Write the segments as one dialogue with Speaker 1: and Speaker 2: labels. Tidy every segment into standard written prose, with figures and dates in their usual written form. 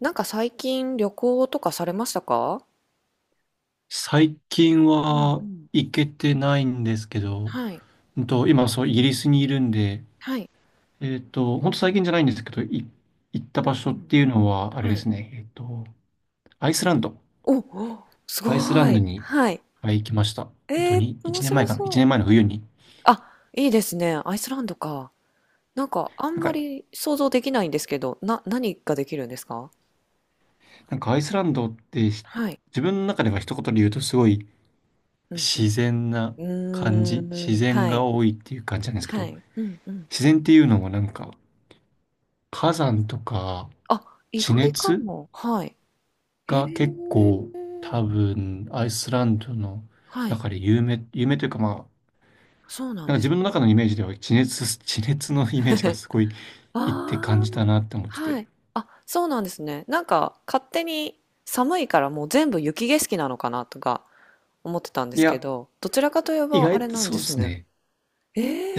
Speaker 1: なんか最近旅行とかされましたか？
Speaker 2: 最近
Speaker 1: うんう
Speaker 2: は
Speaker 1: ん。
Speaker 2: 行けてないんですけど、
Speaker 1: はい、
Speaker 2: 今イギリスにいるんで、
Speaker 1: はい。
Speaker 2: ほんと最近じゃないんですけど、行った
Speaker 1: う
Speaker 2: 場
Speaker 1: ん
Speaker 2: 所
Speaker 1: う
Speaker 2: っ
Speaker 1: ん。
Speaker 2: ていうのは、あれ
Speaker 1: は
Speaker 2: で
Speaker 1: い。
Speaker 2: すね、アイスランド。
Speaker 1: お、お、す
Speaker 2: アイスラ
Speaker 1: ご
Speaker 2: ンド
Speaker 1: い。
Speaker 2: に、
Speaker 1: はい。
Speaker 2: はい、行きました。
Speaker 1: ええ、面
Speaker 2: 1年
Speaker 1: 白
Speaker 2: 前かな？ 1
Speaker 1: そう。
Speaker 2: 年前の冬に。
Speaker 1: あ、いいですね。アイスランドか。なんかあ
Speaker 2: な
Speaker 1: ん
Speaker 2: ん
Speaker 1: ま
Speaker 2: か、
Speaker 1: り想像できないんですけど、何ができるんですか？
Speaker 2: なんかアイスランドってひ、
Speaker 1: はい。
Speaker 2: 自分の中では一言で言うとすごい
Speaker 1: うん
Speaker 2: 自然な
Speaker 1: う
Speaker 2: 感じ、
Speaker 1: ん。うー
Speaker 2: 自
Speaker 1: ん、
Speaker 2: 然
Speaker 1: は
Speaker 2: が
Speaker 1: い。
Speaker 2: 多いっていう感じなんですけ
Speaker 1: は
Speaker 2: ど、
Speaker 1: い。うんうん。
Speaker 2: 自然っていうのもなんか、火山とか、
Speaker 1: あ、意
Speaker 2: 地
Speaker 1: 外か
Speaker 2: 熱
Speaker 1: も。はい。へえ。
Speaker 2: が結構多分アイスランドの
Speaker 1: はい。
Speaker 2: 中で有名というかまあ、
Speaker 1: そうなん
Speaker 2: なん
Speaker 1: で
Speaker 2: か自
Speaker 1: す
Speaker 2: 分
Speaker 1: ね。
Speaker 2: の中のイメージでは地熱のイメージが すごいいって感
Speaker 1: ああ。
Speaker 2: じたなって思ってて。
Speaker 1: はい。あ、そうなんですね。なんか勝手に寒いからもう全部雪景色なのかなとか思ってたんで
Speaker 2: い
Speaker 1: すけ
Speaker 2: や、
Speaker 1: ど、どちらかといえ
Speaker 2: 意
Speaker 1: ばあ
Speaker 2: 外
Speaker 1: れ
Speaker 2: と
Speaker 1: なん
Speaker 2: そう
Speaker 1: で
Speaker 2: で
Speaker 1: す
Speaker 2: す
Speaker 1: ね。
Speaker 2: ね。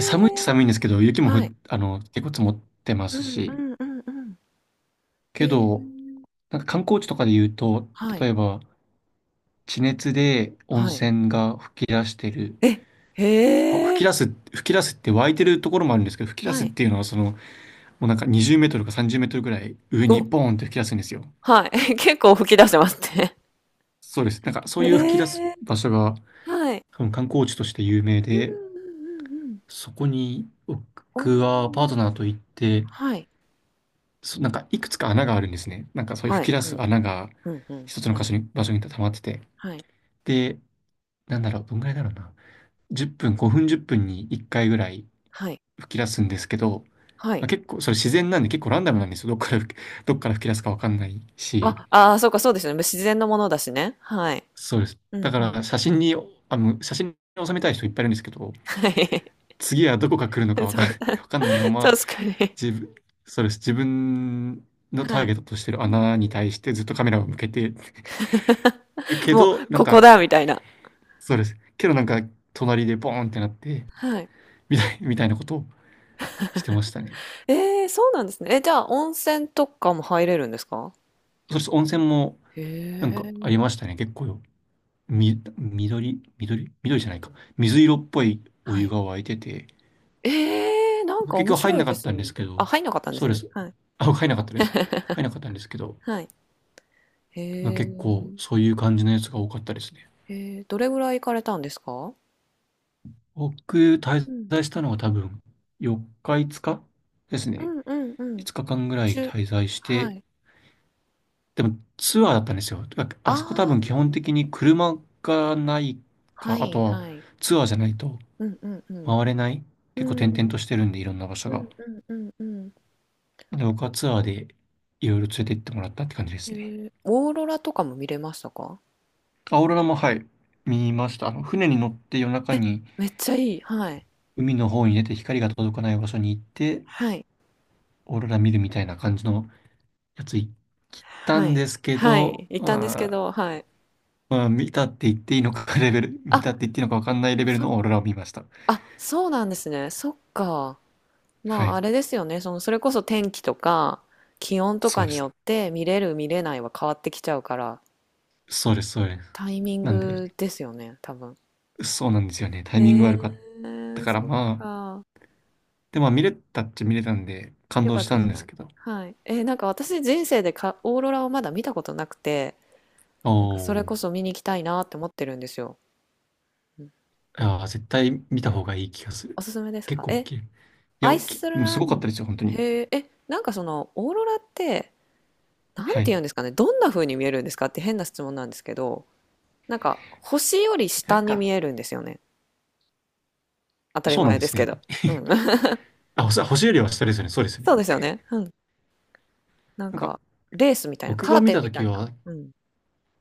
Speaker 2: 寒いって
Speaker 1: え、
Speaker 2: 寒いんですけど、雪もふ
Speaker 1: は
Speaker 2: っ、
Speaker 1: い。
Speaker 2: あの、結構積もってま
Speaker 1: う
Speaker 2: す
Speaker 1: んう
Speaker 2: し、
Speaker 1: んうんうん。
Speaker 2: け
Speaker 1: へえ、
Speaker 2: ど、なんか観光地とかで言うと、
Speaker 1: はい。
Speaker 2: 例えば地熱で温
Speaker 1: はい。
Speaker 2: 泉が噴き出してる、
Speaker 1: え、へえ、
Speaker 2: 噴き出すって湧いてるところもあるんですけど、噴き出
Speaker 1: は
Speaker 2: すっ
Speaker 1: い。
Speaker 2: ていうのはその、もうなんか20メートルか30メートルぐらい上に
Speaker 1: お、
Speaker 2: ボーンって吹き出すんですよ。
Speaker 1: はい。結構吹き出してますね。
Speaker 2: そうです。なんかそういう吹
Speaker 1: え
Speaker 2: き出す
Speaker 1: え、
Speaker 2: 場所が
Speaker 1: はい。
Speaker 2: 多分観光地として有名
Speaker 1: うんう
Speaker 2: で、
Speaker 1: んうんうん。
Speaker 2: そこに
Speaker 1: お
Speaker 2: 僕はパートナー
Speaker 1: ー。
Speaker 2: と行って、
Speaker 1: はい。
Speaker 2: なんかいくつか穴があるんですね。なんかそういう
Speaker 1: はい。
Speaker 2: 吹き出
Speaker 1: は
Speaker 2: す
Speaker 1: い。
Speaker 2: 穴が
Speaker 1: うんうん。
Speaker 2: 一つの
Speaker 1: は
Speaker 2: 箇
Speaker 1: い。
Speaker 2: 所に、場所に溜まってて。
Speaker 1: はい。
Speaker 2: で、なんだろう、どんぐらいだろうな。10分、5分10分に1回ぐらい
Speaker 1: はい。
Speaker 2: 吹き出すんですけど、
Speaker 1: は
Speaker 2: まあ
Speaker 1: い。
Speaker 2: 結構それ自然なんで結構ランダムなんですよ。どっから吹き出すかわかんないし。
Speaker 1: あ、ああ、そうか、そうですよね。自然のものだしね。はい。
Speaker 2: そうです。
Speaker 1: うん
Speaker 2: だか
Speaker 1: うん。
Speaker 2: ら写真に、写真に収めたい人いっぱいいるんですけど、
Speaker 1: はい。
Speaker 2: 次はどこが来るのか わ
Speaker 1: そ
Speaker 2: かん、
Speaker 1: う、
Speaker 2: わかんないま ま、
Speaker 1: 確かに。
Speaker 2: 自分、そうです。自分のタ
Speaker 1: は
Speaker 2: ー
Speaker 1: い。
Speaker 2: ゲットとしてる
Speaker 1: うんう
Speaker 2: 穴に対してずっとカメラを向けてる
Speaker 1: ん。
Speaker 2: け
Speaker 1: もう、
Speaker 2: ど、なん
Speaker 1: ここ
Speaker 2: か、
Speaker 1: だみたいな。
Speaker 2: そうです。けどなんか、隣でボーンってなって、
Speaker 1: はい。
Speaker 2: みたいなことをしてましたね。
Speaker 1: ええ、そうなんですね。え、じゃあ、温泉とかも入れるんですか？
Speaker 2: そうです。温泉も
Speaker 1: へ
Speaker 2: なんか
Speaker 1: え。
Speaker 2: ありましたね。結構よ。み、緑、緑、緑じゃないか。
Speaker 1: 緑、
Speaker 2: 水色っぽいお
Speaker 1: は
Speaker 2: 湯
Speaker 1: い。
Speaker 2: が沸いてて、
Speaker 1: ええ、なんか
Speaker 2: 結
Speaker 1: 面
Speaker 2: 局入ん
Speaker 1: 白い
Speaker 2: なか
Speaker 1: で
Speaker 2: っ
Speaker 1: す
Speaker 2: たんで
Speaker 1: ね。
Speaker 2: すけ
Speaker 1: あ、
Speaker 2: ど、
Speaker 1: 入んなかったんで
Speaker 2: そ
Speaker 1: す
Speaker 2: うで
Speaker 1: ね。
Speaker 2: す。
Speaker 1: はい。
Speaker 2: あ、入んなかったです。入んなかったんですけど、
Speaker 1: はい。へ
Speaker 2: まあ結構
Speaker 1: え。
Speaker 2: そういう感じのやつが多かったですね。
Speaker 1: えー、どれぐらい行かれたんですか？
Speaker 2: 僕、滞
Speaker 1: うん。
Speaker 2: 在したのは多分4日、5日です
Speaker 1: う
Speaker 2: ね。
Speaker 1: んうんうん。
Speaker 2: 5日間ぐらい
Speaker 1: 中、
Speaker 2: 滞在し
Speaker 1: は
Speaker 2: て、
Speaker 1: い。
Speaker 2: でもツアーだったんですよ。ああそこ多
Speaker 1: あ
Speaker 2: 分
Speaker 1: あ、
Speaker 2: 基本的に車がない
Speaker 1: は
Speaker 2: か、あ
Speaker 1: い
Speaker 2: とは
Speaker 1: はい。
Speaker 2: ツアーじゃないと
Speaker 1: うんうんうん。
Speaker 2: 回れない。
Speaker 1: う
Speaker 2: 結構転々と
Speaker 1: ん。
Speaker 2: してるんで、いろんな場所
Speaker 1: うん
Speaker 2: が。
Speaker 1: うんうんうん。
Speaker 2: で、僕
Speaker 1: そ
Speaker 2: は
Speaker 1: っ
Speaker 2: ツアー
Speaker 1: か。
Speaker 2: でいろいろ連れて行ってもらったって感じで
Speaker 1: へ
Speaker 2: すね。
Speaker 1: え。オーロラとかも見れましたか？
Speaker 2: アオーロラも、はい、見ました。あの、船に乗って夜中に
Speaker 1: めっちゃいい。はい。
Speaker 2: 海の方に出て光が届かない場所に行って、
Speaker 1: はい。
Speaker 2: オーロラ見るみたいな感じのやつ行った
Speaker 1: は
Speaker 2: ん
Speaker 1: い。
Speaker 2: ですけ
Speaker 1: は
Speaker 2: ど、
Speaker 1: い。行ったんですけ
Speaker 2: あー
Speaker 1: ど、はい。
Speaker 2: まあ、見たって言っていいのか レベル、見たっ
Speaker 1: あ、
Speaker 2: て言っていいのかわかんないレベル
Speaker 1: そ
Speaker 2: のオーロラを見ました。
Speaker 1: うなんですね。そっか。
Speaker 2: は
Speaker 1: まあ、
Speaker 2: い。
Speaker 1: あれですよね。その、それこそ天気とか気温と
Speaker 2: そ
Speaker 1: か
Speaker 2: うで
Speaker 1: に
Speaker 2: す。
Speaker 1: よって見れる見れないは変わってきちゃうから、
Speaker 2: そうです。
Speaker 1: タイミン
Speaker 2: なんで、
Speaker 1: グですよね、多分。
Speaker 2: そうなんですよね。タイミング
Speaker 1: へ
Speaker 2: 悪かった
Speaker 1: え、
Speaker 2: から、
Speaker 1: そっ
Speaker 2: まあ、
Speaker 1: か。
Speaker 2: でもまあ見れたっちゃ見れたんで、感
Speaker 1: よ
Speaker 2: 動
Speaker 1: かっ
Speaker 2: し
Speaker 1: た
Speaker 2: た
Speaker 1: で
Speaker 2: ん
Speaker 1: す
Speaker 2: です
Speaker 1: か。
Speaker 2: けど。
Speaker 1: はい。なんか私、人生でオーロラをまだ見たことなくて、
Speaker 2: お
Speaker 1: なんかそれ
Speaker 2: ー。
Speaker 1: こそ見に行きたいなって思ってるんですよ。うん、
Speaker 2: ああ、絶対見た方がいい気がする。
Speaker 1: おすすめです
Speaker 2: 結
Speaker 1: か。
Speaker 2: 構大
Speaker 1: え、
Speaker 2: きい。
Speaker 1: アイス
Speaker 2: うんす
Speaker 1: ラン
Speaker 2: ごかっ
Speaker 1: ド、
Speaker 2: たですよ、本当に。
Speaker 1: へええ、なんかそのオーロラって、なん
Speaker 2: は
Speaker 1: て
Speaker 2: い。
Speaker 1: 言うんですかね、どんな風に見えるんですかって変な質問なんですけど、なんか星より
Speaker 2: な
Speaker 1: 下
Speaker 2: ん
Speaker 1: に
Speaker 2: か、
Speaker 1: 見えるんですよね。当たり
Speaker 2: そうなん
Speaker 1: 前
Speaker 2: で
Speaker 1: です
Speaker 2: す
Speaker 1: け
Speaker 2: ね。
Speaker 1: ど。うん。
Speaker 2: 星よりは下ですよね。そうですよ
Speaker 1: そう
Speaker 2: ね。
Speaker 1: ですよね。うん。なん
Speaker 2: なんか、
Speaker 1: か、レースみたいな、
Speaker 2: 僕
Speaker 1: カ
Speaker 2: が
Speaker 1: ー
Speaker 2: 見
Speaker 1: テン
Speaker 2: た
Speaker 1: み
Speaker 2: と
Speaker 1: た
Speaker 2: き
Speaker 1: いな。
Speaker 2: は、
Speaker 1: うん。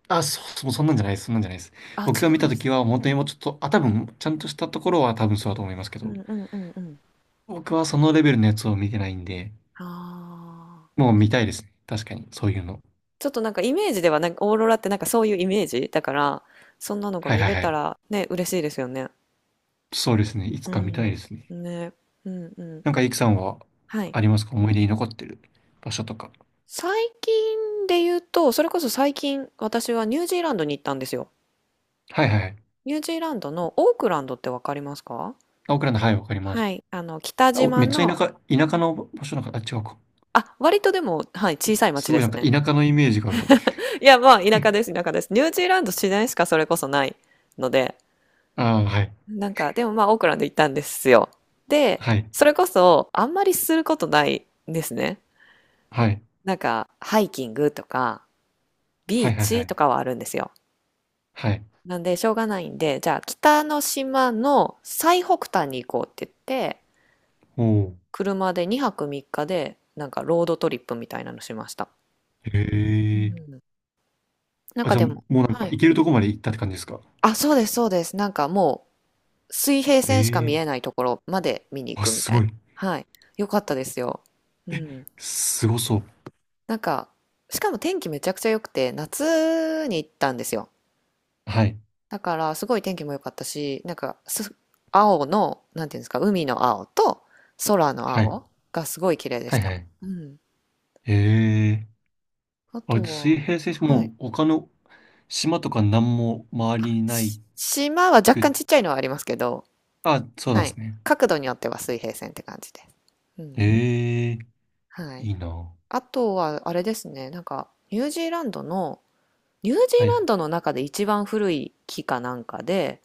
Speaker 2: そんなんじゃないです。そんなんじゃないです。
Speaker 1: あ、
Speaker 2: 僕
Speaker 1: 違
Speaker 2: が見
Speaker 1: うん
Speaker 2: た
Speaker 1: で
Speaker 2: と
Speaker 1: す
Speaker 2: きは、
Speaker 1: ね。
Speaker 2: 本当にもうちょっと、あ、多分、ちゃんとしたところは多分そうだと思いますけ
Speaker 1: う
Speaker 2: ど、
Speaker 1: んうんうんうん。
Speaker 2: 僕はそのレベルのやつを見てないんで、
Speaker 1: ああ。
Speaker 2: もう見たいですね。確かに、そういうの。
Speaker 1: ちょっとなんかイメージではなんかオーロラってなんかそういうイメージだから、そんなのが
Speaker 2: はい
Speaker 1: 見
Speaker 2: はい
Speaker 1: れ
Speaker 2: は
Speaker 1: た
Speaker 2: い。
Speaker 1: らね、嬉しいですよね。
Speaker 2: そうですね。いつ
Speaker 1: う
Speaker 2: か見たい
Speaker 1: ん、
Speaker 2: ですね。
Speaker 1: ね、うんう
Speaker 2: なん
Speaker 1: んう
Speaker 2: か、イ
Speaker 1: ん、
Speaker 2: クさんは
Speaker 1: はい。
Speaker 2: ありますか？思い出に残ってる場所とか。
Speaker 1: 最近で言うと、それこそ最近私はニュージーランドに行ったんですよ。
Speaker 2: はいはいはい。
Speaker 1: ニュージーランドのオークランドってわかりますか？
Speaker 2: あ、オクランド、はい、わかりま
Speaker 1: は
Speaker 2: す。
Speaker 1: い。あの、北島
Speaker 2: めっちゃ田
Speaker 1: の、
Speaker 2: 舎、田舎の場所なんか、あ、違うか。
Speaker 1: あ、割とでも、はい、小さい町
Speaker 2: すご
Speaker 1: で
Speaker 2: いな
Speaker 1: す
Speaker 2: んか
Speaker 1: ね。
Speaker 2: 田舎のイメージがある。
Speaker 1: いや、まあ、田舎です、田舎です。ニュージーランド、自然しかそれこそないので、
Speaker 2: ああ、はい。
Speaker 1: なんか、でもまあ、オークランド行ったんですよ。で、
Speaker 2: はい。
Speaker 1: それこそ、あんまりすることないんですね。
Speaker 2: はい。
Speaker 1: なんか、ハイキングとか、
Speaker 2: は
Speaker 1: ビ
Speaker 2: い、
Speaker 1: ー
Speaker 2: はい、は
Speaker 1: チと
Speaker 2: い。
Speaker 1: かはあるんですよ。
Speaker 2: はい。
Speaker 1: なんで、しょうがないんで、じゃあ、北の島の最北端に行こうって言って、
Speaker 2: おー。
Speaker 1: 車で2泊3日で、なんか、ロードトリップみたいなのしました。
Speaker 2: へ
Speaker 1: う
Speaker 2: え。
Speaker 1: ん。なん
Speaker 2: あ、
Speaker 1: か
Speaker 2: じゃあ、
Speaker 1: で
Speaker 2: も
Speaker 1: も、
Speaker 2: うなん
Speaker 1: は
Speaker 2: か、
Speaker 1: い。
Speaker 2: 行けるとこまで行ったって感じですか？
Speaker 1: あ、そうです、そうです。なんかもう、水平
Speaker 2: へ
Speaker 1: 線しか見
Speaker 2: え。
Speaker 1: えないところまで見に行
Speaker 2: あ、
Speaker 1: くみ
Speaker 2: す
Speaker 1: たい
Speaker 2: ご
Speaker 1: な。
Speaker 2: い。
Speaker 1: はい。よかったですよ。うん。
Speaker 2: すごそう。
Speaker 1: なんか、しかも天気めちゃくちゃ良くて、夏に行ったんですよ。
Speaker 2: はい。
Speaker 1: だから、すごい天気も良かったし、なんか、青の、なんていうんですか、海の青と空の
Speaker 2: はい。
Speaker 1: 青がすごい綺麗で
Speaker 2: は
Speaker 1: し
Speaker 2: い、は
Speaker 1: た。
Speaker 2: い。
Speaker 1: うん。
Speaker 2: へえ。
Speaker 1: あ
Speaker 2: あ、
Speaker 1: と
Speaker 2: 水
Speaker 1: は、
Speaker 2: 平線
Speaker 1: は
Speaker 2: も
Speaker 1: い。
Speaker 2: う他の島とか何も周りにな
Speaker 1: し、
Speaker 2: い
Speaker 1: 島は若
Speaker 2: く、
Speaker 1: 干ちっちゃいのはありますけど、
Speaker 2: あ、そうなん
Speaker 1: は
Speaker 2: で
Speaker 1: い。
Speaker 2: すね。
Speaker 1: 角度によっては水平線って感じです。うん。
Speaker 2: へえ。
Speaker 1: は
Speaker 2: い
Speaker 1: い。
Speaker 2: いな。
Speaker 1: あとは、あれですね、なんか、ニュージーランドの、ニュージー
Speaker 2: は
Speaker 1: ラ
Speaker 2: い。
Speaker 1: ンドの中で一番古い木かなんかで、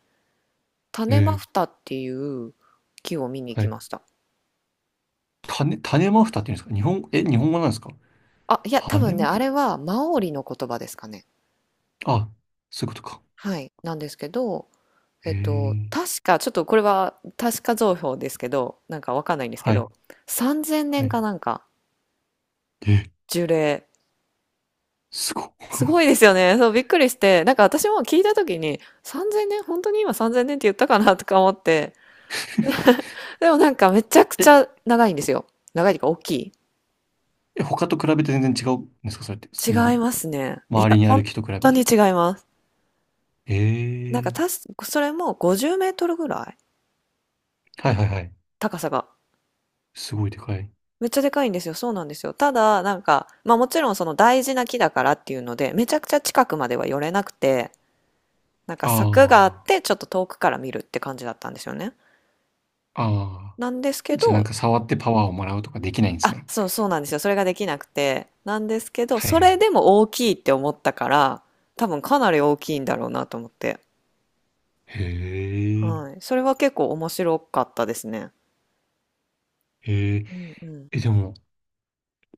Speaker 2: へ
Speaker 1: 種マ
Speaker 2: え。
Speaker 1: フタっていう木を見に行
Speaker 2: は
Speaker 1: き
Speaker 2: い。
Speaker 1: ました。
Speaker 2: 種マフタっていうんですか？日本、え、日本語なんですか？
Speaker 1: あ、いや、多
Speaker 2: 種
Speaker 1: 分ね、
Speaker 2: マ
Speaker 1: あ
Speaker 2: フ
Speaker 1: れ
Speaker 2: タ、
Speaker 1: はマオリの言葉ですかね。
Speaker 2: あ、そういうことか。
Speaker 1: はい。なんですけど、
Speaker 2: へえ、
Speaker 1: 確か、ちょっとこれは確か情報ですけど、なんかわかんないんですけ
Speaker 2: はい、
Speaker 1: ど、3000
Speaker 2: は
Speaker 1: 年
Speaker 2: い。
Speaker 1: かなんか、
Speaker 2: え、
Speaker 1: 樹齢。
Speaker 2: すご
Speaker 1: すごいで
Speaker 2: っ。
Speaker 1: すよね。そう、びっくりして、なんか私も聞いた時に、3000年、本当に今3000年って言ったかなとか思って、でもなんかめちゃく
Speaker 2: え、
Speaker 1: ちゃ長いんですよ。長いというか大きい。
Speaker 2: え他と比べて全然違うんですかそれって、
Speaker 1: 違
Speaker 2: そ
Speaker 1: い
Speaker 2: の、
Speaker 1: ますね。い
Speaker 2: 周
Speaker 1: や、
Speaker 2: りにあ
Speaker 1: 本
Speaker 2: る木と比べ
Speaker 1: 当に
Speaker 2: て。
Speaker 1: 違います。
Speaker 2: え
Speaker 1: なんか
Speaker 2: え、
Speaker 1: それも50メートルぐらい
Speaker 2: はいはいはい。
Speaker 1: 高さが。
Speaker 2: すごいでかい。
Speaker 1: めっちゃでかいんですよ。そうなんですよ。ただ、なんか、まあもちろんその大事な木だからっていうので、めちゃくちゃ近くまでは寄れなくて、なんか柵があっ
Speaker 2: あ
Speaker 1: て、ちょっと遠くから見るって感じだったんですよね。
Speaker 2: あ、ああ。
Speaker 1: なんですけ
Speaker 2: じゃあなん
Speaker 1: ど、
Speaker 2: か触ってパワーをもらうとかできないんです
Speaker 1: あ、
Speaker 2: ね。
Speaker 1: そうそうなんですよ。それができなくて。なんですけど、
Speaker 2: はい
Speaker 1: そ
Speaker 2: は
Speaker 1: れ
Speaker 2: い。
Speaker 1: でも大きいって思ったから、多分かなり大きいんだろうなと思って。
Speaker 2: へえ、
Speaker 1: はい。それは結構面白かったですね。
Speaker 2: へえ、
Speaker 1: うんうん。
Speaker 2: え、でも、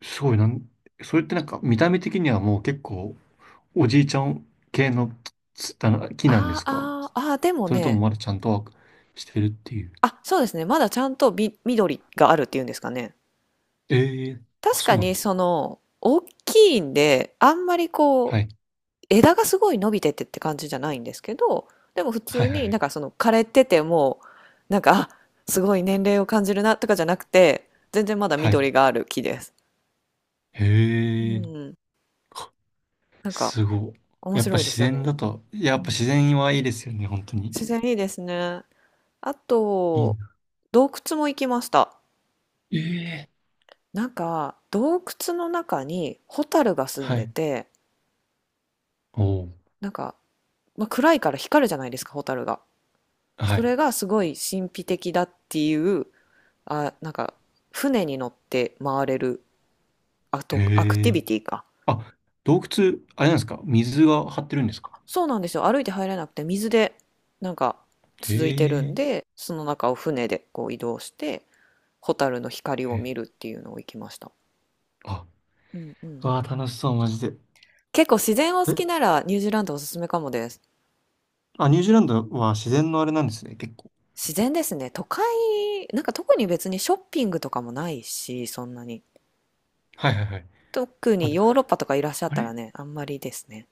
Speaker 2: すごいなん、それってなんか見た目的にはもう結構おじいちゃん系のつあの木なんで
Speaker 1: あ
Speaker 2: すか？
Speaker 1: ーあー、あーでも
Speaker 2: それとも
Speaker 1: ね、
Speaker 2: まだちゃんとはしてるっていう。
Speaker 1: あ、そうですね。まだちゃんと緑があるっていうんですかね。
Speaker 2: ええ、あ、
Speaker 1: 確
Speaker 2: そ
Speaker 1: か
Speaker 2: うなん
Speaker 1: に
Speaker 2: だ。
Speaker 1: その大きいんで、あんまり
Speaker 2: は
Speaker 1: こ
Speaker 2: い。
Speaker 1: う枝がすごい伸びててって感じじゃないんですけど、でも普
Speaker 2: はい
Speaker 1: 通
Speaker 2: はい
Speaker 1: に
Speaker 2: は
Speaker 1: なん
Speaker 2: い。
Speaker 1: かその枯れててもなんかすごい年齢を感じるなとかじゃなくて、全然まだ
Speaker 2: はい。
Speaker 1: 緑がある木です。う
Speaker 2: へえ。
Speaker 1: ん、
Speaker 2: あ、
Speaker 1: なんか
Speaker 2: すごい。
Speaker 1: 面
Speaker 2: やっぱ
Speaker 1: 白いで
Speaker 2: 自
Speaker 1: すよ
Speaker 2: 然
Speaker 1: ね。
Speaker 2: だと、や
Speaker 1: う
Speaker 2: っぱ
Speaker 1: ん、
Speaker 2: 自然はいいですよね、本当に。
Speaker 1: 自然いいですね。あ
Speaker 2: いい
Speaker 1: と
Speaker 2: な。
Speaker 1: 洞窟も行きました。
Speaker 2: ええ。
Speaker 1: なんか洞窟の中にホタルが住ん
Speaker 2: は
Speaker 1: で
Speaker 2: い。
Speaker 1: て。
Speaker 2: おお。
Speaker 1: なんか、まあ、暗いから光るじゃないですか、蛍が。
Speaker 2: は
Speaker 1: そ
Speaker 2: い。
Speaker 1: れがすごい神秘的だっていう、あ、なんか、船に乗って回れるアク
Speaker 2: へ
Speaker 1: ティ
Speaker 2: え。
Speaker 1: ビティか。
Speaker 2: あ、洞窟、あれなんですか？水が張ってるんですか？
Speaker 1: そうなんですよ。歩いて入れなくて、水で、なんか、
Speaker 2: へ
Speaker 1: 続いてるん
Speaker 2: え。
Speaker 1: で、その中を船でこう移動して、蛍の光
Speaker 2: へ
Speaker 1: を
Speaker 2: え、
Speaker 1: 見るっていうのを行きました。
Speaker 2: あ、
Speaker 1: うんうん。
Speaker 2: わあ、楽しそう、マジで。
Speaker 1: 結構自然を好きな
Speaker 2: え、
Speaker 1: らニュージーランドおすすめかもです。
Speaker 2: あ、ニュージーランドは自然のあれなんですね、結構。
Speaker 1: 自然ですね。都会、なんか特に別にショッピングとかもないし、そんなに。
Speaker 2: はいはいはい。
Speaker 1: 特
Speaker 2: あ、
Speaker 1: にヨーロッパとかいらっしゃっ
Speaker 2: あ
Speaker 1: た
Speaker 2: れ
Speaker 1: らね、あんまりですね。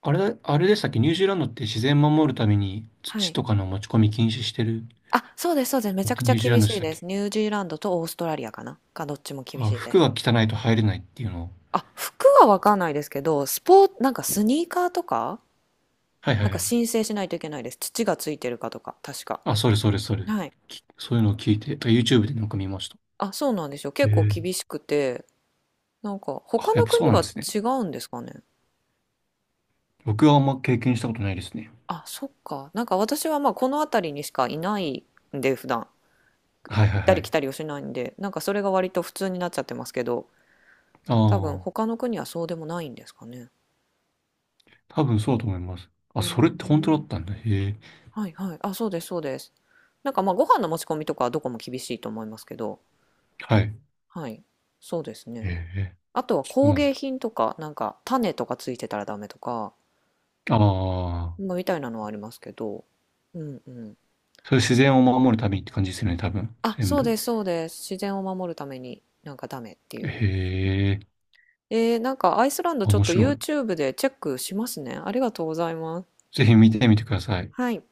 Speaker 2: あれ、あれでしたっけ？ニュージーランドって自然守るために
Speaker 1: は
Speaker 2: 土
Speaker 1: い。
Speaker 2: とかの持ち込み禁止してる？
Speaker 1: あ、そうです、そうです。めち
Speaker 2: っ
Speaker 1: ゃく
Speaker 2: て
Speaker 1: ちゃ
Speaker 2: ニュージーラ
Speaker 1: 厳
Speaker 2: ンド
Speaker 1: し
Speaker 2: でし
Speaker 1: い
Speaker 2: たっ
Speaker 1: です。
Speaker 2: け？
Speaker 1: ニュージーランドとオーストラリアかな、どっちも厳
Speaker 2: あ、
Speaker 1: しいで
Speaker 2: 服
Speaker 1: す。
Speaker 2: が汚いと入れないっていうのを。
Speaker 1: あ、服はわかんないですけど、スポーツ、なんかスニーカーとか、
Speaker 2: はいは
Speaker 1: なん
Speaker 2: いは
Speaker 1: か
Speaker 2: い。
Speaker 1: 申請しないといけないです。土がついてるかとか、確か。
Speaker 2: あ、それそれそれ。
Speaker 1: はい。
Speaker 2: そういうのを聞いて、とか YouTube でなんか見ました。
Speaker 1: あ、そうなんですよ。
Speaker 2: え
Speaker 1: 結構厳
Speaker 2: え。
Speaker 1: しくて、なんか
Speaker 2: あ、
Speaker 1: 他
Speaker 2: やっ
Speaker 1: の
Speaker 2: ぱそう
Speaker 1: 国
Speaker 2: なんで
Speaker 1: は
Speaker 2: すね。
Speaker 1: 違うんですかね。
Speaker 2: 僕はあんま経験したことないですね。
Speaker 1: あ、そっか。なんか私はまあこの辺りにしかいないんで、普段。
Speaker 2: はいは
Speaker 1: 行っ
Speaker 2: い
Speaker 1: た
Speaker 2: は
Speaker 1: り
Speaker 2: い。
Speaker 1: 来たりをしないんで、なんかそれが割と普通になっちゃってますけど、
Speaker 2: あ
Speaker 1: 多分
Speaker 2: あ、
Speaker 1: 他の国はそうでもないんですかね。
Speaker 2: 多分そうだと思います。あ、
Speaker 1: へ
Speaker 2: それって本当だ
Speaker 1: え。
Speaker 2: ったんだ。へえ。
Speaker 1: はいはい。あ、そうですそうです。なんかまあご飯の持ち込みとかはどこも厳しいと思いますけど、
Speaker 2: はい。
Speaker 1: はい。そうです
Speaker 2: へ
Speaker 1: ね。
Speaker 2: え、
Speaker 1: あとは
Speaker 2: そう
Speaker 1: 工
Speaker 2: なん
Speaker 1: 芸
Speaker 2: だ。
Speaker 1: 品とか、なんか種とかついてたらダメとか、
Speaker 2: ああ、
Speaker 1: まあ、みたいなのはありますけど、うんうん。
Speaker 2: それ自然を守るためにって感じですよね、多分。
Speaker 1: あ、
Speaker 2: 全
Speaker 1: そう
Speaker 2: 部。
Speaker 1: ですそうです。自然を守るためになんかダメっていう。
Speaker 2: へえ。
Speaker 1: えー、なんかアイスランドちょっ
Speaker 2: 面
Speaker 1: と
Speaker 2: 白い。
Speaker 1: YouTube でチェックしますね。ありがとうございます。
Speaker 2: ぜひ見てみてください。
Speaker 1: はい。